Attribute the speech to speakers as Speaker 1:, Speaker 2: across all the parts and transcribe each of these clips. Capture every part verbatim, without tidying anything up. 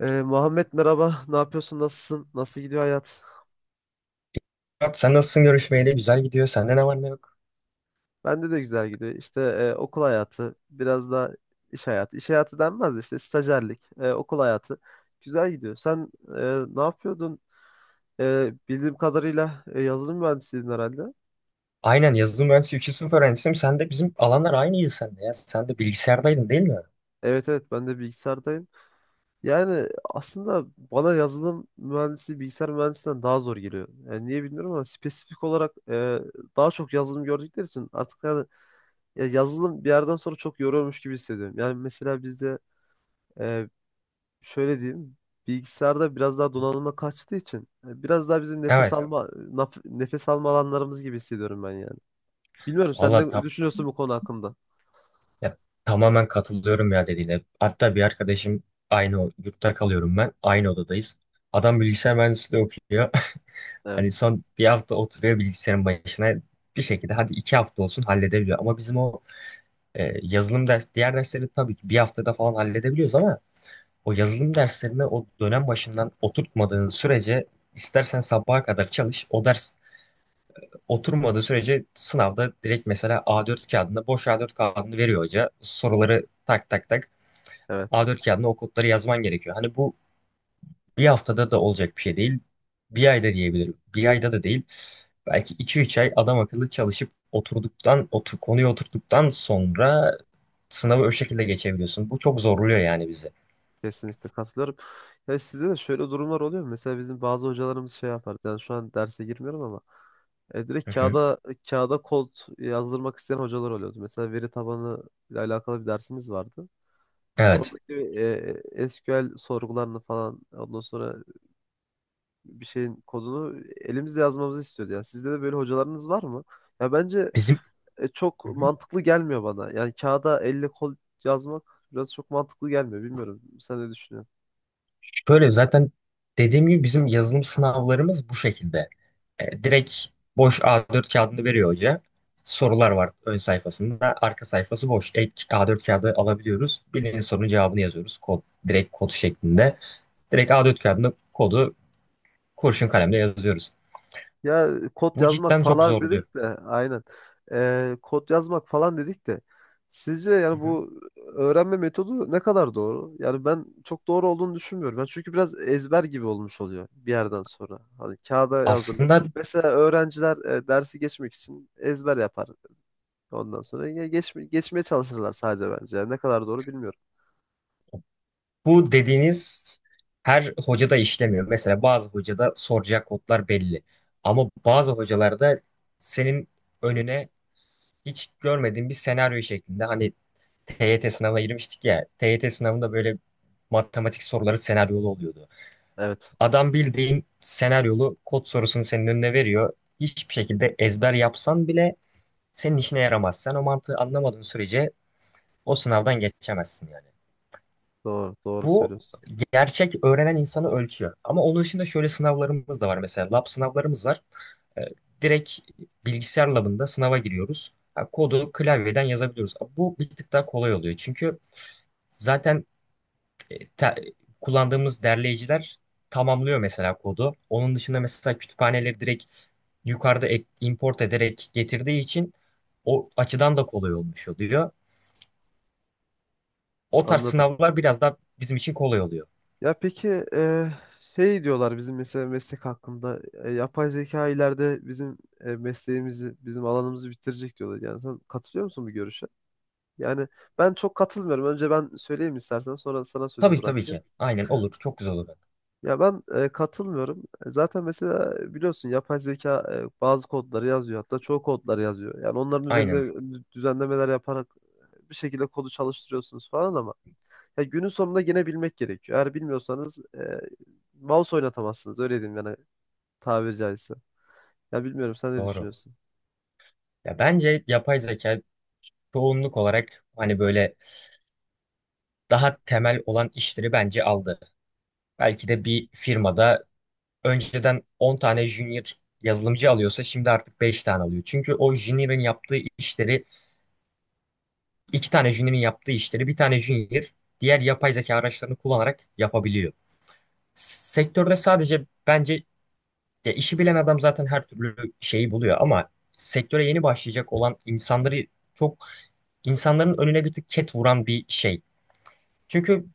Speaker 1: Ee, Muhammed merhaba, ne yapıyorsun, nasılsın, nasıl gidiyor hayat?
Speaker 2: Murat, sen nasılsın görüşmeyle? Güzel gidiyor. Sende ne var ne yok?
Speaker 1: Bende de güzel gidiyor. İşte e, okul hayatı, biraz da iş hayatı. İş hayatı denmez de işte stajyerlik, e, okul hayatı güzel gidiyor. Sen e, ne yapıyordun? E, bildiğim kadarıyla e, yazılım mühendisiydin herhalde.
Speaker 2: Aynen, yazılım mühendisi üçüncü sınıf öğrencisiyim. Sen de bizim alanlar aynıydı sende ya. Sen de bilgisayardaydın değil mi?
Speaker 1: Evet, evet, ben de bilgisayardayım. Yani aslında bana yazılım mühendisi bilgisayar mühendisinden daha zor geliyor. Yani niye bilmiyorum ama spesifik olarak e, daha çok yazılım gördükleri için artık yani ya yazılım bir yerden sonra çok yoruyormuş gibi hissediyorum. Yani mesela bizde e, şöyle diyeyim bilgisayarda biraz daha donanıma kaçtığı için e, biraz daha bizim nefes,
Speaker 2: Evet.
Speaker 1: evet, alma naf- nefes alma alanlarımız gibi hissediyorum ben yani. Bilmiyorum sen
Speaker 2: Valla
Speaker 1: ne
Speaker 2: tam,
Speaker 1: düşünüyorsun bu konu hakkında?
Speaker 2: ya, tamamen katılıyorum ya dediğine. Hatta bir arkadaşım, aynı o- yurtta kalıyorum ben. Aynı odadayız. Adam bilgisayar mühendisliği okuyor. Hani
Speaker 1: Evet,
Speaker 2: son bir hafta oturuyor bilgisayarın başına. Bir şekilde hadi iki hafta olsun halledebiliyor. Ama bizim o, e, yazılım ders, diğer dersleri tabii ki bir haftada falan halledebiliyoruz ama o yazılım derslerine o dönem başından oturtmadığın sürece istersen sabaha kadar çalış. O ders oturmadığı sürece sınavda direkt, mesela, A dört kağıdında, boş A dört kağıdını veriyor hoca. Soruları tak tak tak,
Speaker 1: evet.
Speaker 2: A dört kağıdına o kodları yazman gerekiyor. Hani bu bir haftada da olacak bir şey değil. Bir ayda diyebilirim. Bir ayda da değil. Belki iki üç ay adam akıllı çalışıp oturduktan, otur, konuyu oturttuktan sonra sınavı o şekilde geçebiliyorsun. Bu çok zorluyor yani bizi.
Speaker 1: Kesinlikle katılıyorum. Ya sizde de şöyle durumlar oluyor mu? Mesela bizim bazı hocalarımız şey yapar. Yani şu an derse girmiyorum ama e,
Speaker 2: Hı
Speaker 1: direkt
Speaker 2: hı.
Speaker 1: kağıda kağıda kod yazdırmak isteyen hocalar oluyordu. Mesela veri tabanı ile alakalı bir dersimiz vardı.
Speaker 2: Evet.
Speaker 1: Oradaki e, S Q L sorgularını falan ondan sonra bir şeyin kodunu elimizle yazmamızı istiyordu. Yani sizde de böyle hocalarınız var mı? Ya bence
Speaker 2: Bizim
Speaker 1: e, çok mantıklı gelmiyor bana. Yani kağıda elle kol yazmak biraz çok mantıklı gelmiyor. Bilmiyorum. Sen ne düşünüyorsun?
Speaker 2: Şöyle zaten, dediğim gibi, bizim yazılım sınavlarımız bu şekilde. E, direkt boş A dört kağıdını veriyor hoca. Sorular var ön sayfasında. Arka sayfası boş. Ek A dört kağıdı alabiliyoruz. Bilinen sorunun cevabını yazıyoruz. Kod, direkt kod şeklinde. Direkt A dört kağıdında kodu kurşun kalemle yazıyoruz.
Speaker 1: Ya kod
Speaker 2: Bu
Speaker 1: yazmak
Speaker 2: cidden çok
Speaker 1: falan
Speaker 2: zordu.
Speaker 1: dedik de aynen. Ee, kod yazmak falan dedik de sizce
Speaker 2: Hı
Speaker 1: yani
Speaker 2: hı.
Speaker 1: bu öğrenme metodu ne kadar doğru? Yani ben çok doğru olduğunu düşünmüyorum. Ben çünkü biraz ezber gibi olmuş oluyor bir yerden sonra. Hani kağıda yazdırmak.
Speaker 2: Aslında
Speaker 1: Mesela öğrenciler e, dersi geçmek için ezber yapar. Ondan sonra ya geç, geçmeye çalışırlar sadece bence. Yani ne kadar doğru bilmiyorum.
Speaker 2: bu dediğiniz her hocada işlemiyor. Mesela bazı hocada soracak kodlar belli. Ama bazı hocalarda senin önüne hiç görmediğim bir senaryo şeklinde, hani, T Y T sınavına girmiştik ya, T Y T sınavında böyle matematik soruları senaryolu oluyordu.
Speaker 1: Evet,
Speaker 2: Adam bildiğin senaryolu kod sorusunu senin önüne veriyor. Hiçbir şekilde ezber yapsan bile senin işine yaramaz. Sen o mantığı anlamadığın sürece o sınavdan geçemezsin yani.
Speaker 1: doğru, doğru
Speaker 2: Bu
Speaker 1: söylüyorsun.
Speaker 2: gerçek öğrenen insanı ölçüyor. Ama onun dışında şöyle sınavlarımız da var mesela. Lab sınavlarımız var. E, direkt bilgisayar labında sınava giriyoruz. Ha, kodu klavyeden yazabiliyoruz. Bu bir tık daha kolay oluyor. Çünkü zaten, e, te- kullandığımız derleyiciler tamamlıyor mesela kodu. Onun dışında mesela kütüphaneleri direkt yukarıda ek- import ederek getirdiği için o açıdan da kolay olmuş oluyor. O tarz
Speaker 1: Anladım.
Speaker 2: sınavlar biraz daha bizim için kolay oluyor.
Speaker 1: Ya peki e, şey diyorlar bizim mesela meslek hakkında e, yapay zeka ileride bizim e, mesleğimizi, bizim alanımızı bitirecek diyorlar. Yani sen katılıyor musun bu görüşe? Yani ben çok katılmıyorum. Önce ben söyleyeyim istersen sonra sana sözü
Speaker 2: Tabii, tabii
Speaker 1: bırakayım.
Speaker 2: ki. Aynen, olur. Çok güzel olur.
Speaker 1: Ya ben e, katılmıyorum. E, Zaten mesela biliyorsun yapay zeka e, bazı kodları yazıyor hatta çoğu kodları yazıyor. Yani onların
Speaker 2: Aynen.
Speaker 1: üzerine düzenlemeler yaparak bir şekilde kodu çalıştırıyorsunuz falan ama ya günün sonunda gene bilmek gerekiyor. Eğer bilmiyorsanız e, mouse oynatamazsınız. Öyle diyeyim yani tabiri caizse. Ya bilmiyorum sen ne
Speaker 2: Doğru.
Speaker 1: düşünüyorsun?
Speaker 2: Ya bence yapay zeka çoğunluk olarak, hani, böyle daha temel olan işleri bence aldı. Belki de bir firmada önceden on tane junior yazılımcı alıyorsa şimdi artık beş tane alıyor. Çünkü o junior'ın yaptığı işleri, iki tane junior'ın yaptığı işleri bir tane junior diğer yapay zeka araçlarını kullanarak yapabiliyor. Sektörde sadece, bence, ya işi bilen adam zaten her türlü şeyi buluyor ama sektöre yeni başlayacak olan insanları, çok insanların önüne bir tık ket vuran bir şey. Çünkü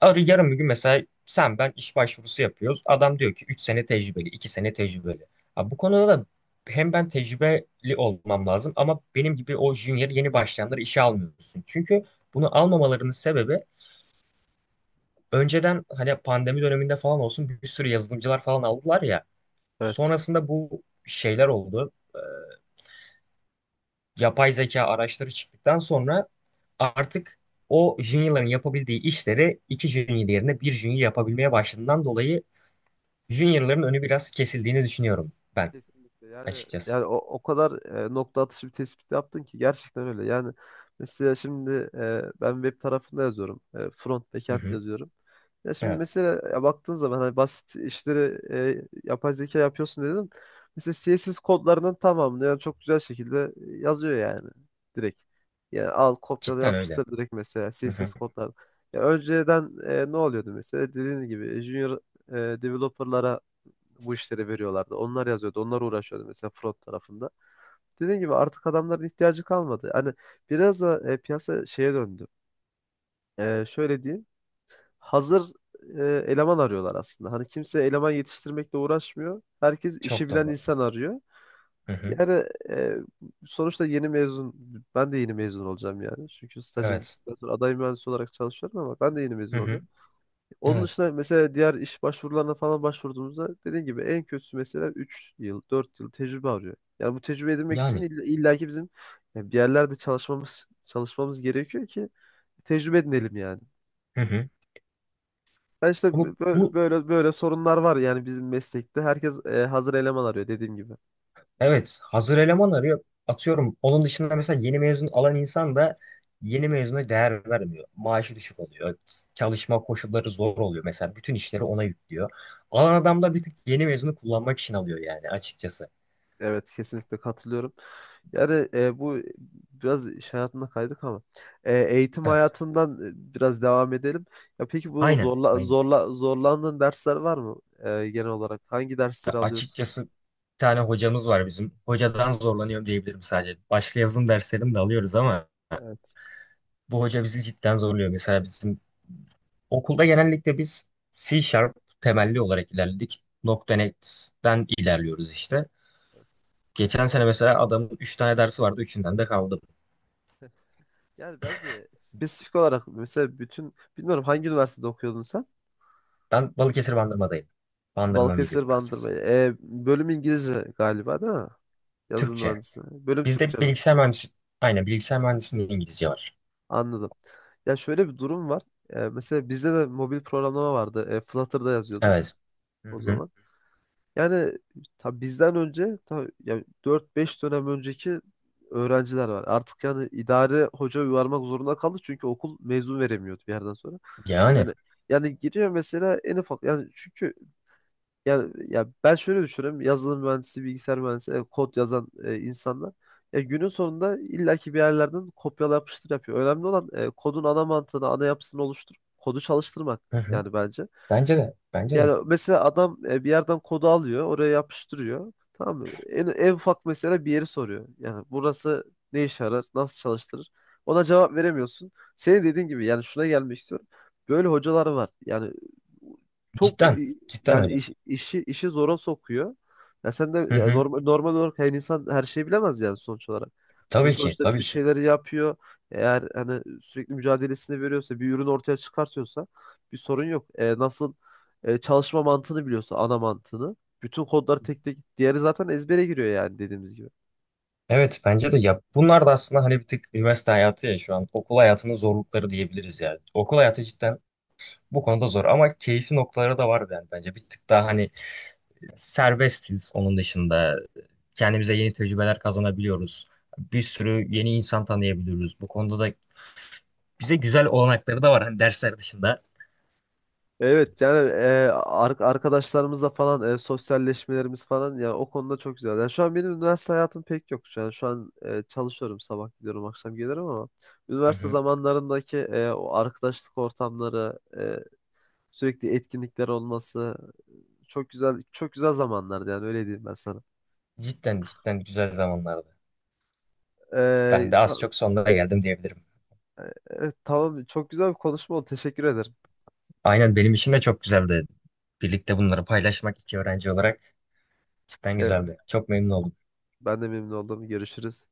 Speaker 2: Arı yarın bir gün, mesela, sen ben iş başvurusu yapıyoruz. Adam diyor ki üç sene tecrübeli, iki sene tecrübeli. Ha, bu konuda da hem ben tecrübeli olmam lazım ama benim gibi o junior yeni başlayanları işe almıyorsun. Çünkü bunu almamalarının sebebi, önceden, hani, pandemi döneminde falan olsun bir sürü yazılımcılar falan aldılar ya.
Speaker 1: Evet.
Speaker 2: Sonrasında bu şeyler oldu. Ee, yapay zeka araçları çıktıktan sonra artık o juniorların yapabildiği işleri iki junior yerine bir junior yapabilmeye başladığından dolayı junior'ların önü biraz kesildiğini düşünüyorum ben
Speaker 1: Kesinlikle. Yani
Speaker 2: açıkçası.
Speaker 1: yani o, o kadar e, nokta atışı bir tespit yaptın ki gerçekten öyle. Yani mesela şimdi e, ben web tarafında yazıyorum. E, front
Speaker 2: Hı
Speaker 1: backend
Speaker 2: hı.
Speaker 1: yazıyorum. Ya şimdi
Speaker 2: Evet.
Speaker 1: mesela ya baktığın zaman hani basit işleri e, yapay zeka yapıyorsun dedin. Mesela C S S kodlarının tamamını yani çok güzel şekilde e, yazıyor yani direkt. Yani al kopyala
Speaker 2: Cidden öyle.
Speaker 1: yapıştır direkt mesela
Speaker 2: Hı hı.
Speaker 1: C S S kodları. Ya önceden e, ne oluyordu mesela dediğin gibi junior e, developerlara bu işleri veriyorlardı. Onlar yazıyordu, onlar uğraşıyordu mesela front tarafında. Dediğim gibi artık adamların ihtiyacı kalmadı. Hani biraz da e, piyasa şeye döndü. E, şöyle diyeyim, hazır e, eleman arıyorlar aslında. Hani kimse eleman yetiştirmekle uğraşmıyor. Herkes işi
Speaker 2: Çok
Speaker 1: bilen
Speaker 2: doğru.
Speaker 1: insan arıyor.
Speaker 2: Hı hı.
Speaker 1: Yani e, sonuçta yeni mezun, ben de yeni mezun olacağım yani. Çünkü stajım
Speaker 2: Evet.
Speaker 1: bittikten sonra aday mühendis olarak çalışıyorum ama ben de yeni
Speaker 2: Hı
Speaker 1: mezun
Speaker 2: hı.
Speaker 1: olacağım. Onun
Speaker 2: Evet.
Speaker 1: dışında mesela diğer iş başvurularına falan başvurduğumuzda dediğim gibi en kötüsü mesela üç yıl, dört yıl tecrübe arıyor. Yani bu tecrübe edinmek için
Speaker 2: Yani.
Speaker 1: ill- illaki bizim yani bir yerlerde çalışmamız çalışmamız gerekiyor ki tecrübe edinelim yani.
Speaker 2: Hı hı.
Speaker 1: Ben işte
Speaker 2: Ama
Speaker 1: bö-
Speaker 2: bu,
Speaker 1: böyle böyle sorunlar var yani bizim meslekte. Herkes e, hazır eleman arıyor dediğim gibi.
Speaker 2: evet, hazır eleman arıyor. Atıyorum. Onun dışında mesela yeni mezun alan insan da yeni mezuna değer vermiyor. Maaşı düşük oluyor. Çalışma koşulları zor oluyor. Mesela bütün işleri ona yüklüyor. Alan adam da bir tık yeni mezunu kullanmak için alıyor yani açıkçası.
Speaker 1: Evet kesinlikle katılıyorum. Yani e, bu biraz iş hayatına kaydık ama e, eğitim
Speaker 2: Evet.
Speaker 1: hayatından e, biraz devam edelim. Ya peki bu
Speaker 2: Aynen.
Speaker 1: zorla
Speaker 2: Aynen.
Speaker 1: zorla zorlandığın dersler var mı e, genel olarak? Hangi dersleri
Speaker 2: Ya,
Speaker 1: alıyorsun?
Speaker 2: açıkçası, bir tane hocamız var bizim. Hocadan zorlanıyorum diyebilirim sadece. Başka yazılım derslerini de alıyoruz ama
Speaker 1: Evet,
Speaker 2: bu hoca bizi cidden zorluyor. Mesela bizim okulda genellikle biz C Sharp temelli olarak ilerledik. .net'ten ilerliyoruz işte.
Speaker 1: evet.
Speaker 2: Geçen sene mesela adamın üç tane dersi vardı. Üçünden de kaldım.
Speaker 1: Yani bence spesifik olarak mesela bütün bilmiyorum hangi üniversitede okuyordun sen?
Speaker 2: Ben Balıkesir Bandırma'dayım. Bandırma on yedi
Speaker 1: Balıkesir
Speaker 2: Üniversitesi.
Speaker 1: Bandırma. E, bölüm İngilizce galiba değil mi? Yazılım
Speaker 2: Türkçe.
Speaker 1: mühendisi. Bölüm Türkçe
Speaker 2: Bizde
Speaker 1: mi?
Speaker 2: bilgisayar mühendisi, aynen, bilgisayar mühendisliğinde İngilizce var.
Speaker 1: Anladım. Ya şöyle bir durum var. E, mesela bizde de mobil programlama vardı. E, Flutter'da yazıyorduk
Speaker 2: Evet. Hı
Speaker 1: o
Speaker 2: hı.
Speaker 1: zaman. Yani tabii bizden önce tabii yani dört beş dönem önceki öğrenciler var. Artık yani idare hoca yuvarmak zorunda kaldı çünkü okul mezun veremiyordu bir yerden sonra.
Speaker 2: Yani.
Speaker 1: Yani yani giriyor mesela en ufak yani çünkü yani ya ben şöyle düşünüyorum. Yazılım mühendisi, bilgisayar mühendisi, e, kod yazan e, insanlar ya günün sonunda illaki bir yerlerden kopyala yapıştır yapıyor. Önemli olan e, kodun ana mantığını, ana yapısını oluşturup kodu çalıştırmak
Speaker 2: Hı hı.
Speaker 1: yani bence.
Speaker 2: Bence de. Bence de.
Speaker 1: Yani mesela adam e, bir yerden kodu alıyor, oraya yapıştırıyor. Tamam mı? En, en ufak mesela bir yeri soruyor. Yani burası ne işe yarar, nasıl çalıştırır? Ona cevap veremiyorsun. Senin dediğin gibi yani şuna gelmek istiyorum. Böyle hocalar var. Yani çok
Speaker 2: Cidden,
Speaker 1: i-
Speaker 2: cidden
Speaker 1: yani
Speaker 2: öyle.
Speaker 1: iş- işi işi zora sokuyor. Ya sen de
Speaker 2: Hı
Speaker 1: ya
Speaker 2: hı.
Speaker 1: normal normal olarak yani insan her şeyi bilemez yani sonuç olarak. Ya
Speaker 2: Tabii ki,
Speaker 1: sonuçta
Speaker 2: tabii
Speaker 1: bir
Speaker 2: ki.
Speaker 1: şeyleri yapıyor. Eğer hani sürekli mücadelesini veriyorsa, bir ürün ortaya çıkartıyorsa bir sorun yok. E, nasıl e, çalışma mantığını biliyorsa ana mantığını. Bütün kodları tek tek diğeri zaten ezbere giriyor yani dediğimiz gibi.
Speaker 2: Evet, bence de ya, bunlar da aslında, hani, bir tık üniversite hayatı, ya şu an okul hayatının zorlukları diyebiliriz yani. Okul hayatı cidden bu konuda zor ama keyfi noktaları da var yani bence. Bir tık daha, hani, serbestiz onun dışında. Kendimize yeni tecrübeler kazanabiliyoruz. Bir sürü yeni insan tanıyabiliyoruz. Bu konuda da bize güzel olanakları da var, hani, dersler dışında.
Speaker 1: Evet, yani e, ar- arkadaşlarımızla falan e, sosyalleşmelerimiz falan yani o konuda çok güzel. Yani şu an benim üniversite hayatım pek yok. Yani şu an e, çalışıyorum sabah gidiyorum akşam gelirim ama
Speaker 2: Hı
Speaker 1: üniversite
Speaker 2: hı.
Speaker 1: zamanlarındaki e, o arkadaşlık ortamları e, sürekli etkinlikler olması çok güzel çok güzel zamanlardı yani öyle diyeyim ben sana.
Speaker 2: Cidden, cidden güzel zamanlardı. Ben
Speaker 1: E,
Speaker 2: de
Speaker 1: ta-
Speaker 2: az çok sonlara geldim diyebilirim.
Speaker 1: evet, tamam çok güzel bir konuşma oldu teşekkür ederim.
Speaker 2: Aynen, benim için de çok güzeldi. Birlikte bunları paylaşmak iki öğrenci olarak cidden
Speaker 1: Evet.
Speaker 2: güzeldi. Çok memnun oldum.
Speaker 1: Ben de memnun oldum. Görüşürüz.